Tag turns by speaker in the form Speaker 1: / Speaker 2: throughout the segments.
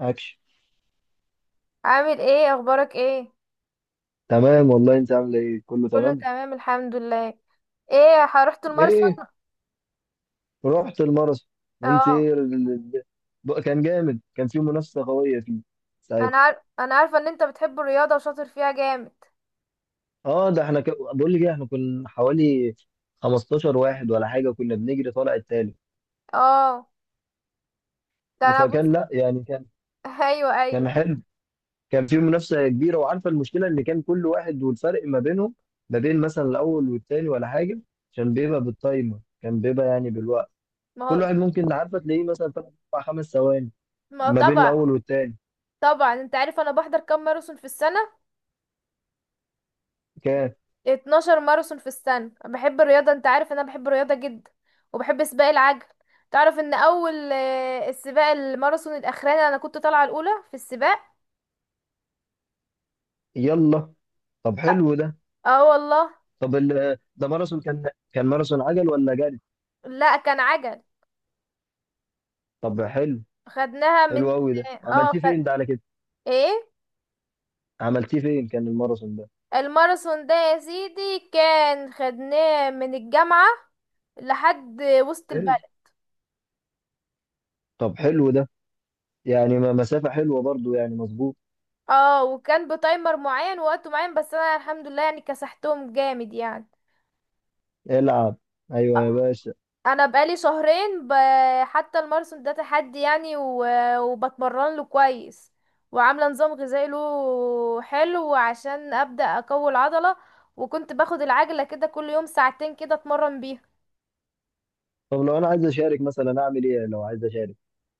Speaker 1: اكشن.
Speaker 2: عامل ايه؟ اخبارك ايه؟
Speaker 1: تمام والله، انت عامله ايه؟ كله
Speaker 2: كله
Speaker 1: تمام.
Speaker 2: تمام الحمد لله. ايه، رحت الماراثون؟
Speaker 1: ايه، رحت الماراثون. انت
Speaker 2: اه.
Speaker 1: ايه كان جامد، كان في منافسه قويه فيه ساعتها.
Speaker 2: انا عارفه ان انت بتحب الرياضه وشاطر فيها جامد.
Speaker 1: اه ده احنا بقول لك ايه، احنا كنا حوالي 15 واحد ولا حاجه، كنا بنجري طالع التالت.
Speaker 2: اه، ده انا بص.
Speaker 1: فكان لا يعني كان،
Speaker 2: ايوه، ايوه.
Speaker 1: كان حلو، كان في منافسه كبيره. وعارفه المشكله ان كان كل واحد والفرق ما بينهم، ما بين مثلا الاول والتاني ولا حاجه، عشان بيبقى بالتايمر، كان بيبقى يعني بالوقت.
Speaker 2: ما
Speaker 1: كل
Speaker 2: هو
Speaker 1: واحد ممكن، عارفه، تلاقيه مثلا 3 4 5 ثواني
Speaker 2: ما هو
Speaker 1: ما بين
Speaker 2: طبعا.
Speaker 1: الاول والتاني.
Speaker 2: طبعا، انت عارف انا بحضر كام ماراثون في السنه؟
Speaker 1: كان.
Speaker 2: 12 ماراثون في السنه. بحب الرياضه، انت عارف ان انا بحب الرياضه جدا، وبحب سباق العجل. تعرف ان اول السباق الماراثون الاخراني انا كنت طالعه الاولى في السباق.
Speaker 1: يلا. طب حلو ده.
Speaker 2: اه والله.
Speaker 1: طب ده ماراثون كان، ماراثون عجل ولا جري؟
Speaker 2: لا، كان عجل.
Speaker 1: طب حلو.
Speaker 2: خدناها
Speaker 1: حلو
Speaker 2: من
Speaker 1: قوي ده،
Speaker 2: اه
Speaker 1: عملتيه
Speaker 2: خد...
Speaker 1: فين ده على كده؟
Speaker 2: ايه.
Speaker 1: عملتيه فين كان الماراثون ده؟
Speaker 2: الماراثون ده يا سيدي كان خدناه من الجامعة لحد وسط
Speaker 1: حلو.
Speaker 2: البلد.
Speaker 1: طب حلو ده، يعني مسافة حلوة برضو، يعني مظبوط.
Speaker 2: اه، وكان بتايمر معين ووقت معين، بس انا الحمد لله يعني كسحتهم جامد يعني.
Speaker 1: العب. ايوه يا باشا.
Speaker 2: انا بقالي شهرين حتى الماراثون ده تحدي يعني وبتمرن له كويس، وعامله نظام غذائي له حلو عشان ابدا اقوي العضله. وكنت باخد العجله كده كل يوم ساعتين كده اتمرن بيها.
Speaker 1: طب لو انا عايز اشارك مثلا، اعمل ايه لو عايز اشارك؟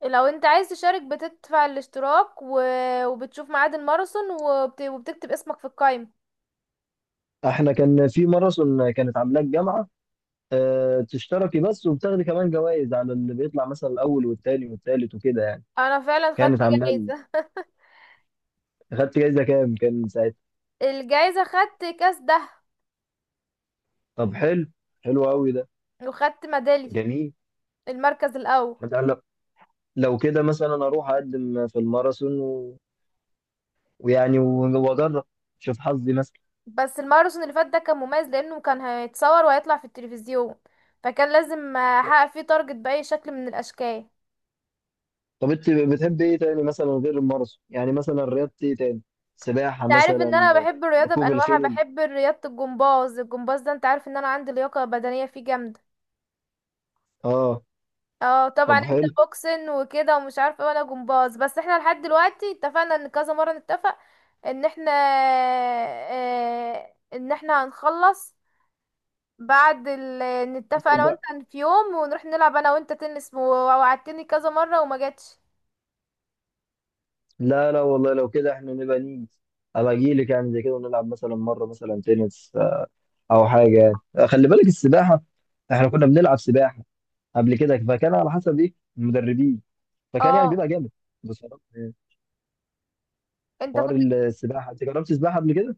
Speaker 2: لو انت عايز تشارك بتدفع الاشتراك وبتشوف ميعاد الماراثون وبتكتب اسمك في القائمة.
Speaker 1: احنا كان في ماراثون كانت عاملاه الجامعة. أه تشتركي بس، وبتاخدي كمان جوائز على اللي بيطلع مثلا الاول والتاني والتالت وكده يعني.
Speaker 2: انا فعلا خدت
Speaker 1: كانت عاملاه.
Speaker 2: جايزة.
Speaker 1: اخدت جايزه كام كان ساعتها؟
Speaker 2: الجايزة خدت كاس ده،
Speaker 1: طب حلو. حلو قوي ده.
Speaker 2: وخدت ميدالية
Speaker 1: جميل.
Speaker 2: المركز الاول.
Speaker 1: انت لو، لو كده مثلا اروح اقدم في الماراثون ويعني واجرب، شوف حظي مثلا.
Speaker 2: بس الماراثون اللي فات ده كان مميز لانه كان هيتصور وهيطلع في التلفزيون، فكان لازم احقق فيه تارجت بأي شكل من الاشكال.
Speaker 1: طب انت بتحب ايه تاني مثلا غير الماراثون؟ يعني مثلا رياضه ايه تاني؟ سباحه
Speaker 2: انت عارف ان انا
Speaker 1: مثلا؟
Speaker 2: بحب الرياضة
Speaker 1: ركوب
Speaker 2: بانواعها،
Speaker 1: الخيل؟
Speaker 2: بحب رياضة الجمباز. الجمباز ده انت عارف ان انا عندي لياقة بدنية فيه جامدة.
Speaker 1: اه
Speaker 2: اه طبعا،
Speaker 1: طب
Speaker 2: انت
Speaker 1: حلو.
Speaker 2: بوكسن وكده ومش عارفه إيه، وانا جمباز. بس احنا لحد دلوقتي اتفقنا ان كذا مره نتفق ان احنا ان احنا هنخلص بعد ال... نتفق
Speaker 1: طب
Speaker 2: انا وانت
Speaker 1: بقى-
Speaker 2: في يوم ونروح نلعب انا وانت تنس ووعدتني كذا مره وما جاتش.
Speaker 1: لا لا والله، لو كده احنا نبقى نيجي، ابقى اجي لك يعني زي كده ونلعب مثلا مره مثلا تنس، او حاجه يعني. خلي بالك السباحه، احنا كنا بنلعب سباحه قبل كده. فكان على حسب ايه المدربين، فكان يعني
Speaker 2: اه،
Speaker 1: بيبقى جامد بصراحه يعني.
Speaker 2: انت
Speaker 1: حوار
Speaker 2: كنت.
Speaker 1: السباحه، انت جربت سباحه قبل كده؟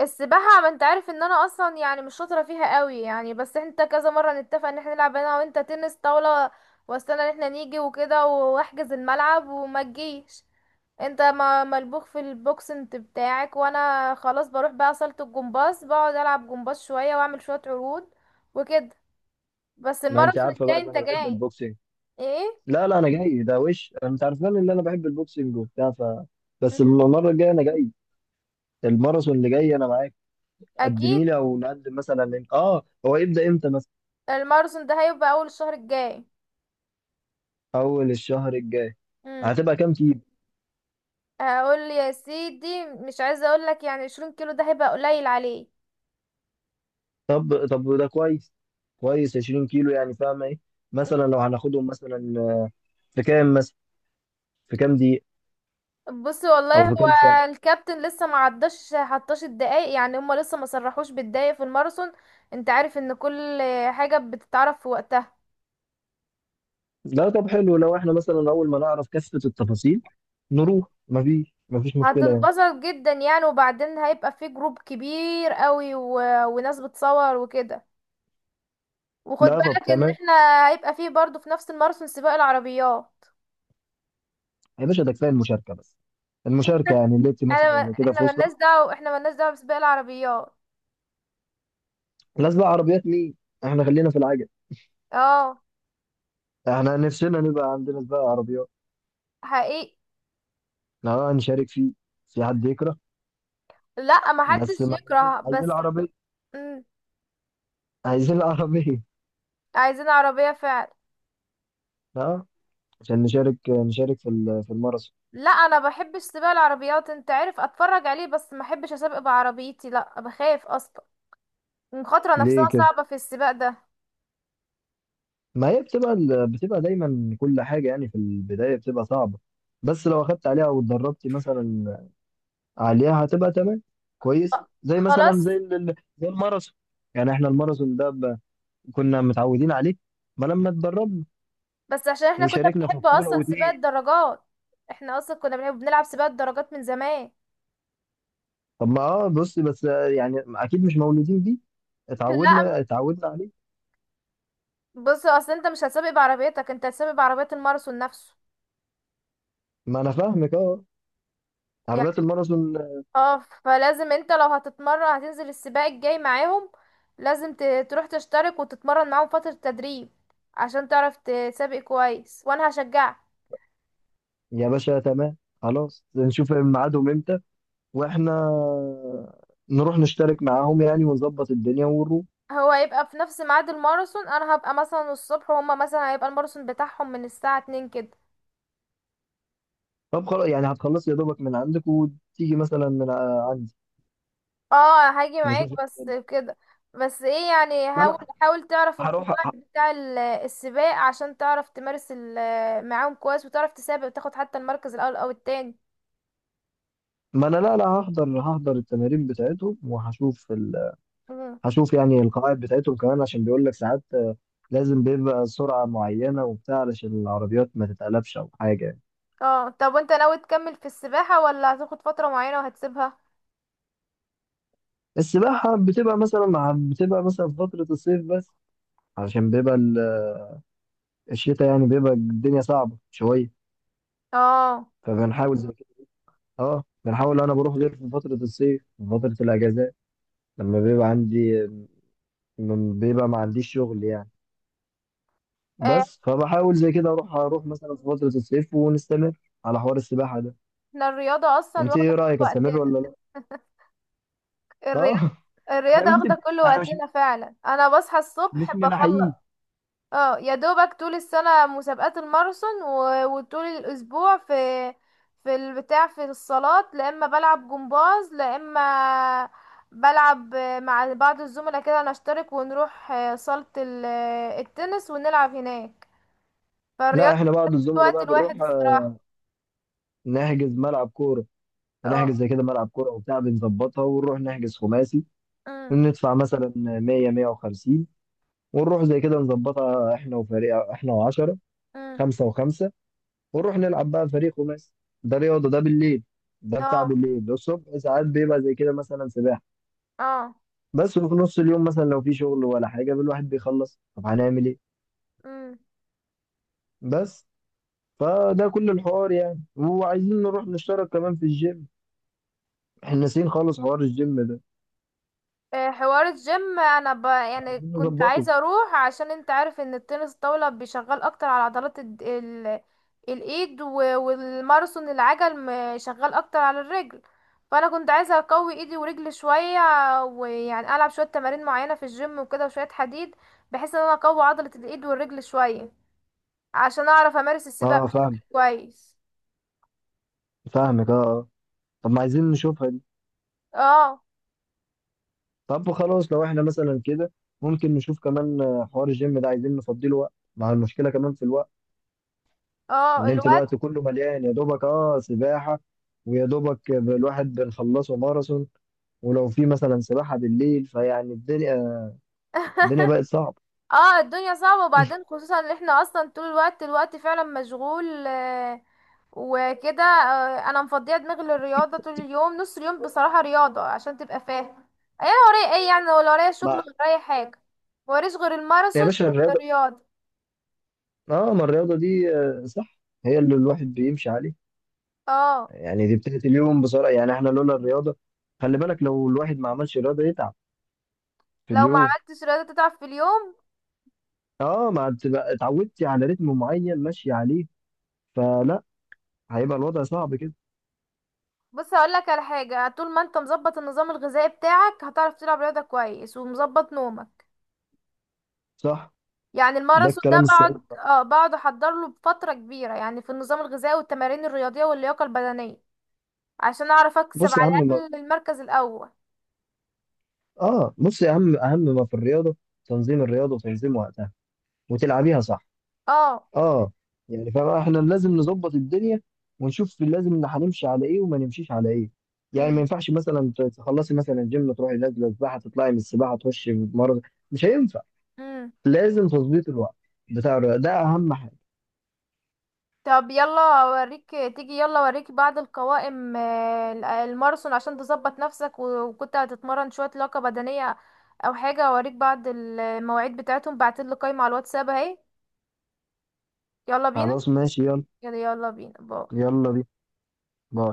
Speaker 2: السباحه، ما انت عارف ان انا اصلا يعني مش شاطره فيها قوي يعني. بس انت كذا مره نتفق ان احنا نلعب انا وانت تنس طاوله، واستنى ان احنا نيجي وكده واحجز الملعب وما تجيش. انت ملبوخ في البوكسنت بتاعك، وانا خلاص بروح بقى صالة الجمباز، بقعد العب جمباز شوية واعمل شوية عروض وكده. بس
Speaker 1: ما انت
Speaker 2: الماراثون
Speaker 1: عارفه بقى
Speaker 2: الجاي
Speaker 1: ان
Speaker 2: انت
Speaker 1: انا بحب
Speaker 2: جاي؟
Speaker 1: البوكسنج.
Speaker 2: ايه.
Speaker 1: لا لا، انا جاي ده. وش انت عارفان ان انا بحب البوكسنج وبتاع. ف بس
Speaker 2: مم.
Speaker 1: المره الجايه انا جاي. الماراثون اللي جاي انا معاك. قدمي
Speaker 2: اكيد.
Speaker 1: لي او نقدم مثلا من... اه هو يبدا امتى مثلا؟
Speaker 2: الماراثون ده هيبقى اول الشهر الجاي.
Speaker 1: اول الشهر الجاي.
Speaker 2: مم.
Speaker 1: هتبقى كام كيلو؟
Speaker 2: هقول يا سيدي مش عايزة اقول لك يعني 20 كيلو ده هيبقى قليل عليه.
Speaker 1: طب ده كويس. كويس، 20 كيلو. يعني فاهمه ايه، مثلا لو هناخدهم مثلا في كام مثلا، في كام دقيقه،
Speaker 2: بصي والله،
Speaker 1: او في
Speaker 2: هو
Speaker 1: كام؟
Speaker 2: الكابتن لسه ما عداش حطاش الدقايق يعني. هما لسه ما صرحوش بالدقايق في الماراثون. انت عارف ان كل حاجة بتتعرف في وقتها.
Speaker 1: لا طب حلو، لو احنا مثلا اول ما نعرف كافة التفاصيل نروح، مفيش مشكلة يعني.
Speaker 2: هتنبسط جدا يعني. وبعدين هيبقى في جروب كبير قوي وناس بتصور وكده. وخد
Speaker 1: لا طب
Speaker 2: بالك ان
Speaker 1: تمام.
Speaker 2: احنا هيبقى فيه برضو في نفس الماراثون سباق العربيات.
Speaker 1: يا باشا ده كفاية المشاركة بس، المشاركة يعني اللي انت
Speaker 2: انا ما...
Speaker 1: مثلا زي كده في
Speaker 2: احنا مالناش
Speaker 1: وسطها.
Speaker 2: دعوة، احنا مالناش دعوة بسباق العربيات.
Speaker 1: نازلة عربيات مين؟ احنا خلينا في العجل.
Speaker 2: اه
Speaker 1: احنا نفسنا نبقى عندنا سباق عربيات.
Speaker 2: حقيقي.
Speaker 1: احنا هنشارك فيه. في حد يكره؟
Speaker 2: لا،
Speaker 1: بس
Speaker 2: محدش
Speaker 1: ما عايزين،
Speaker 2: يكره،
Speaker 1: عايزين
Speaker 2: بس.
Speaker 1: العربية.
Speaker 2: مم.
Speaker 1: عايزين العربية.
Speaker 2: عايزين عربية فعلا.
Speaker 1: اه عشان نشارك في في الماراثون.
Speaker 2: لا، انا بحبش سباق العربيات، انت عارف، اتفرج عليه بس ما احبش اسابق بعربيتي. لا، بخاف اصلا، المخاطرة نفسها
Speaker 1: ليه كده؟
Speaker 2: صعبة في السباق ده.
Speaker 1: ما هي بتبقى بتبقى دايما كل حاجة يعني في البداية بتبقى صعبة. بس لو أخدت عليها واتدربت مثلا عليها هتبقى تمام، كويس، زي مثلا زي
Speaker 2: خلاص.
Speaker 1: زي الماراثون. يعني احنا الماراثون ده كنا متعودين عليه ما لما اتدربنا
Speaker 2: بس عشان احنا كنا
Speaker 1: وشاركنا في
Speaker 2: بنحب
Speaker 1: بطولة
Speaker 2: اصلا سباق
Speaker 1: واتنين.
Speaker 2: الدراجات. احنا اصلا كنا بنحب بنلعب سباق الدراجات من زمان.
Speaker 1: طب ما بص بس، يعني أكيد مش مولودين بيه.
Speaker 2: لا.
Speaker 1: اتعودنا عليه.
Speaker 2: بص، اصل انت مش هتسابق بعربيتك، انت هتسابق بعربية الماراثون نفسه.
Speaker 1: ما أنا فاهمك اه،
Speaker 2: يعني،
Speaker 1: عربيات الماراثون.
Speaker 2: اه. فلازم انت لو هتتمرن هتنزل السباق الجاي معاهم. لازم تروح تشترك وتتمرن معاهم فترة تدريب عشان تعرف تسابق كويس، وانا هشجعك.
Speaker 1: يا باشا تمام خلاص، نشوف ميعادهم امتى، واحنا نروح نشترك معاهم يعني ونظبط الدنيا ونروح.
Speaker 2: هو هيبقى في نفس ميعاد الماراثون، انا هبقى مثلا الصبح، وهما مثلا هيبقى الماراثون بتاعهم من الساعة 2 كده.
Speaker 1: طب خلاص يعني هتخلص يا دوبك من عندك وتيجي مثلا من عندي.
Speaker 2: اه، هاجي معاك
Speaker 1: نشوف.
Speaker 2: بس كده. بس ايه يعني،
Speaker 1: ما
Speaker 2: حاول،
Speaker 1: انا
Speaker 2: حاول تعرف
Speaker 1: هروح
Speaker 2: القواعد بتاع السباق عشان تعرف تمارس معاهم كويس، وتعرف تسابق وتاخد حتى المركز الاول او التاني.
Speaker 1: ما انا لا لا، هحضر التمارين بتاعتهم وهشوف
Speaker 2: مم.
Speaker 1: هشوف يعني القواعد بتاعتهم كمان. عشان بيقول لك ساعات، لازم بيبقى سرعة معينة وبتاع علشان العربيات ما تتقلبش او حاجة يعني.
Speaker 2: اه طب، وانت ناوي تكمل في السباحة ولا هتاخد فترة معينة وهتسيبها؟
Speaker 1: السباحة بتبقى مثلا، مع بتبقى مثلا في فترة الصيف بس، علشان بيبقى الشتاء يعني بيبقى الدنيا صعبة شوية.
Speaker 2: اه.
Speaker 1: فبنحاول، اه بنحاول انا بروح غير في فترة الصيف، في فترة الاجازات، لما بيبقى عندي، لما بيبقى ما عنديش شغل يعني.
Speaker 2: آه،
Speaker 1: بس فبحاول زي كده اروح مثلا في فترة الصيف، ونستمر على حوار السباحة ده.
Speaker 2: احنا الرياضة اصلا
Speaker 1: انت
Speaker 2: واخدة
Speaker 1: ايه
Speaker 2: كل
Speaker 1: رأيك، استمر
Speaker 2: وقتنا.
Speaker 1: ولا لا؟
Speaker 2: الرياضة،
Speaker 1: اه احنا
Speaker 2: الرياضة
Speaker 1: مش
Speaker 2: واخدة كل
Speaker 1: احنا مش
Speaker 2: وقتنا فعلا. انا بصحى الصبح
Speaker 1: مش من
Speaker 2: بخلص.
Speaker 1: الحقيقي.
Speaker 2: اه يا دوبك طول السنة مسابقات الماراثون، وطول الأسبوع في في البتاع في الصالات. لا إما بلعب جمباز لا إما بلعب مع بعض الزملاء كده نشترك ونروح صالة التنس ونلعب هناك.
Speaker 1: لا
Speaker 2: فالرياضة
Speaker 1: احنا بعض
Speaker 2: في
Speaker 1: الزملاء
Speaker 2: الوقت
Speaker 1: بقى
Speaker 2: الواحد
Speaker 1: بنروح،
Speaker 2: الصراحة.
Speaker 1: نحجز ملعب كورة.
Speaker 2: اه.
Speaker 1: بنحجز زي كده ملعب كورة وبتاع، بنظبطها ونروح نحجز خماسي.
Speaker 2: أم،
Speaker 1: ندفع مثلا 100 150، ونروح زي كده نظبطها، احنا وفريق احنا، و10،
Speaker 2: أم،
Speaker 1: خمسة وخمسة، ونروح نلعب بقى فريق خماسي. ده رياضه، ده بالليل. ده بتاع
Speaker 2: اه،
Speaker 1: بالليل. الصبح ساعات بيبقى زي كده مثلا سباحه
Speaker 2: اه،
Speaker 1: بس. وفي نص اليوم مثلا لو في شغل ولا حاجه الواحد بيخلص، طب هنعمل ايه؟
Speaker 2: أم.
Speaker 1: بس فده كل الحوار يعني. وعايزين نروح نشترك كمان في الجيم. احنا ناسيين خالص حوار الجيم ده،
Speaker 2: حوار الجيم انا يعني
Speaker 1: عايزين
Speaker 2: كنت
Speaker 1: نظبطه.
Speaker 2: عايزه اروح عشان انت عارف ان التنس الطاوله بيشغل اكتر على عضلات الايد والماراثون العجل شغال اكتر على الرجل. فانا كنت عايزه اقوي ايدي ورجلي شويه، ويعني العب شويه تمارين معينه في الجيم وكده وشويه حديد، بحيث ان انا اقوي عضله الايد والرجل شويه عشان اعرف امارس السباق
Speaker 1: اه
Speaker 2: بشكل
Speaker 1: فاهم.
Speaker 2: كويس.
Speaker 1: فاهمك اه آه. طب ما عايزين نشوفها دي.
Speaker 2: اه.
Speaker 1: طب خلاص لو احنا مثلا كده، ممكن نشوف كمان حوار الجيم ده، عايزين نفضيله وقت. مع المشكله كمان في الوقت
Speaker 2: اه
Speaker 1: ان انت
Speaker 2: الوقت.
Speaker 1: الوقت كله مليان يا دوبك، اه سباحه، ويا دوبك الواحد بنخلصه ماراثون، ولو في مثلا سباحه بالليل فيعني الدنيا، الدنيا بقت صعبه
Speaker 2: اه، الدنيا صعبة. وبعدين خصوصا ان احنا اصلا طول الوقت، الوقت فعلا مشغول وكده. انا مفضيه دماغي للرياضة طول اليوم، نص اليوم بصراحة رياضة، عشان تبقى فاهم ايه انا ورايا. ايه يعني، ولا ورايا شغل
Speaker 1: ما
Speaker 2: ولا ورايا حاجة؟ موريش غير
Speaker 1: يا
Speaker 2: الماراثون
Speaker 1: باشا الرياضه،
Speaker 2: والرياضة.
Speaker 1: اه ما الرياضه دي صح، هي اللي الواحد بيمشي عليه.
Speaker 2: اه.
Speaker 1: يعني دي بتاعت اليوم بصراحه، يعني احنا لولا الرياضه، خلي بالك لو الواحد ما عملش رياضه يتعب في
Speaker 2: لو ما
Speaker 1: اليوم.
Speaker 2: عملتش رياضة تتعب في اليوم.
Speaker 1: اه ما تبقى اتعودتي على رتم معين ماشي عليه، فلا، هيبقى الوضع صعب كده.
Speaker 2: بص هقولك على حاجة، طول ما انت مظبط النظام الغذائي بتاعك هتعرف تلعب رياضة كويس ومظبط نومك.
Speaker 1: صح.
Speaker 2: يعني
Speaker 1: ده
Speaker 2: الماراثون ده
Speaker 1: الكلام السليم.
Speaker 2: بقعد بقعد احضر له بفترة كبيرة يعني في النظام الغذائي والتمارين الرياضية واللياقة البدنية، عشان اعرف اكسب
Speaker 1: بص يا
Speaker 2: على
Speaker 1: عم،
Speaker 2: الاقل المركز الاول.
Speaker 1: اه بص، اهم ما في الرياضه، تنظيم الرياضه وتنظيم وقتها، وتلعبيها صح.
Speaker 2: اه.
Speaker 1: اه يعني فاحنا لازم نظبط الدنيا، ونشوف لازم إن هنمشي على ايه وما نمشيش على ايه. يعني ما
Speaker 2: امم.
Speaker 1: ينفعش مثلا تخلصي مثلا الجيم، تروحي نازله سباحه، تطلعي من السباحه تخشي مرض. مش هينفع.
Speaker 2: امم.
Speaker 1: لازم تظبيط الوقت بتاع الرياضه ده اهم حاجه.
Speaker 2: طب يلا اوريك، تيجي يلا اوريك بعض القوائم الماراثون عشان تظبط نفسك، وكنت هتتمرن شوية لياقة بدنية او حاجة. اوريك بعض المواعيد بتاعتهم. بعتلي قايمة على الواتساب اهي. يلا بينا.
Speaker 1: خلاص ماشي يلا.
Speaker 2: يلا، يلا بينا، باي.
Speaker 1: يلا بينا.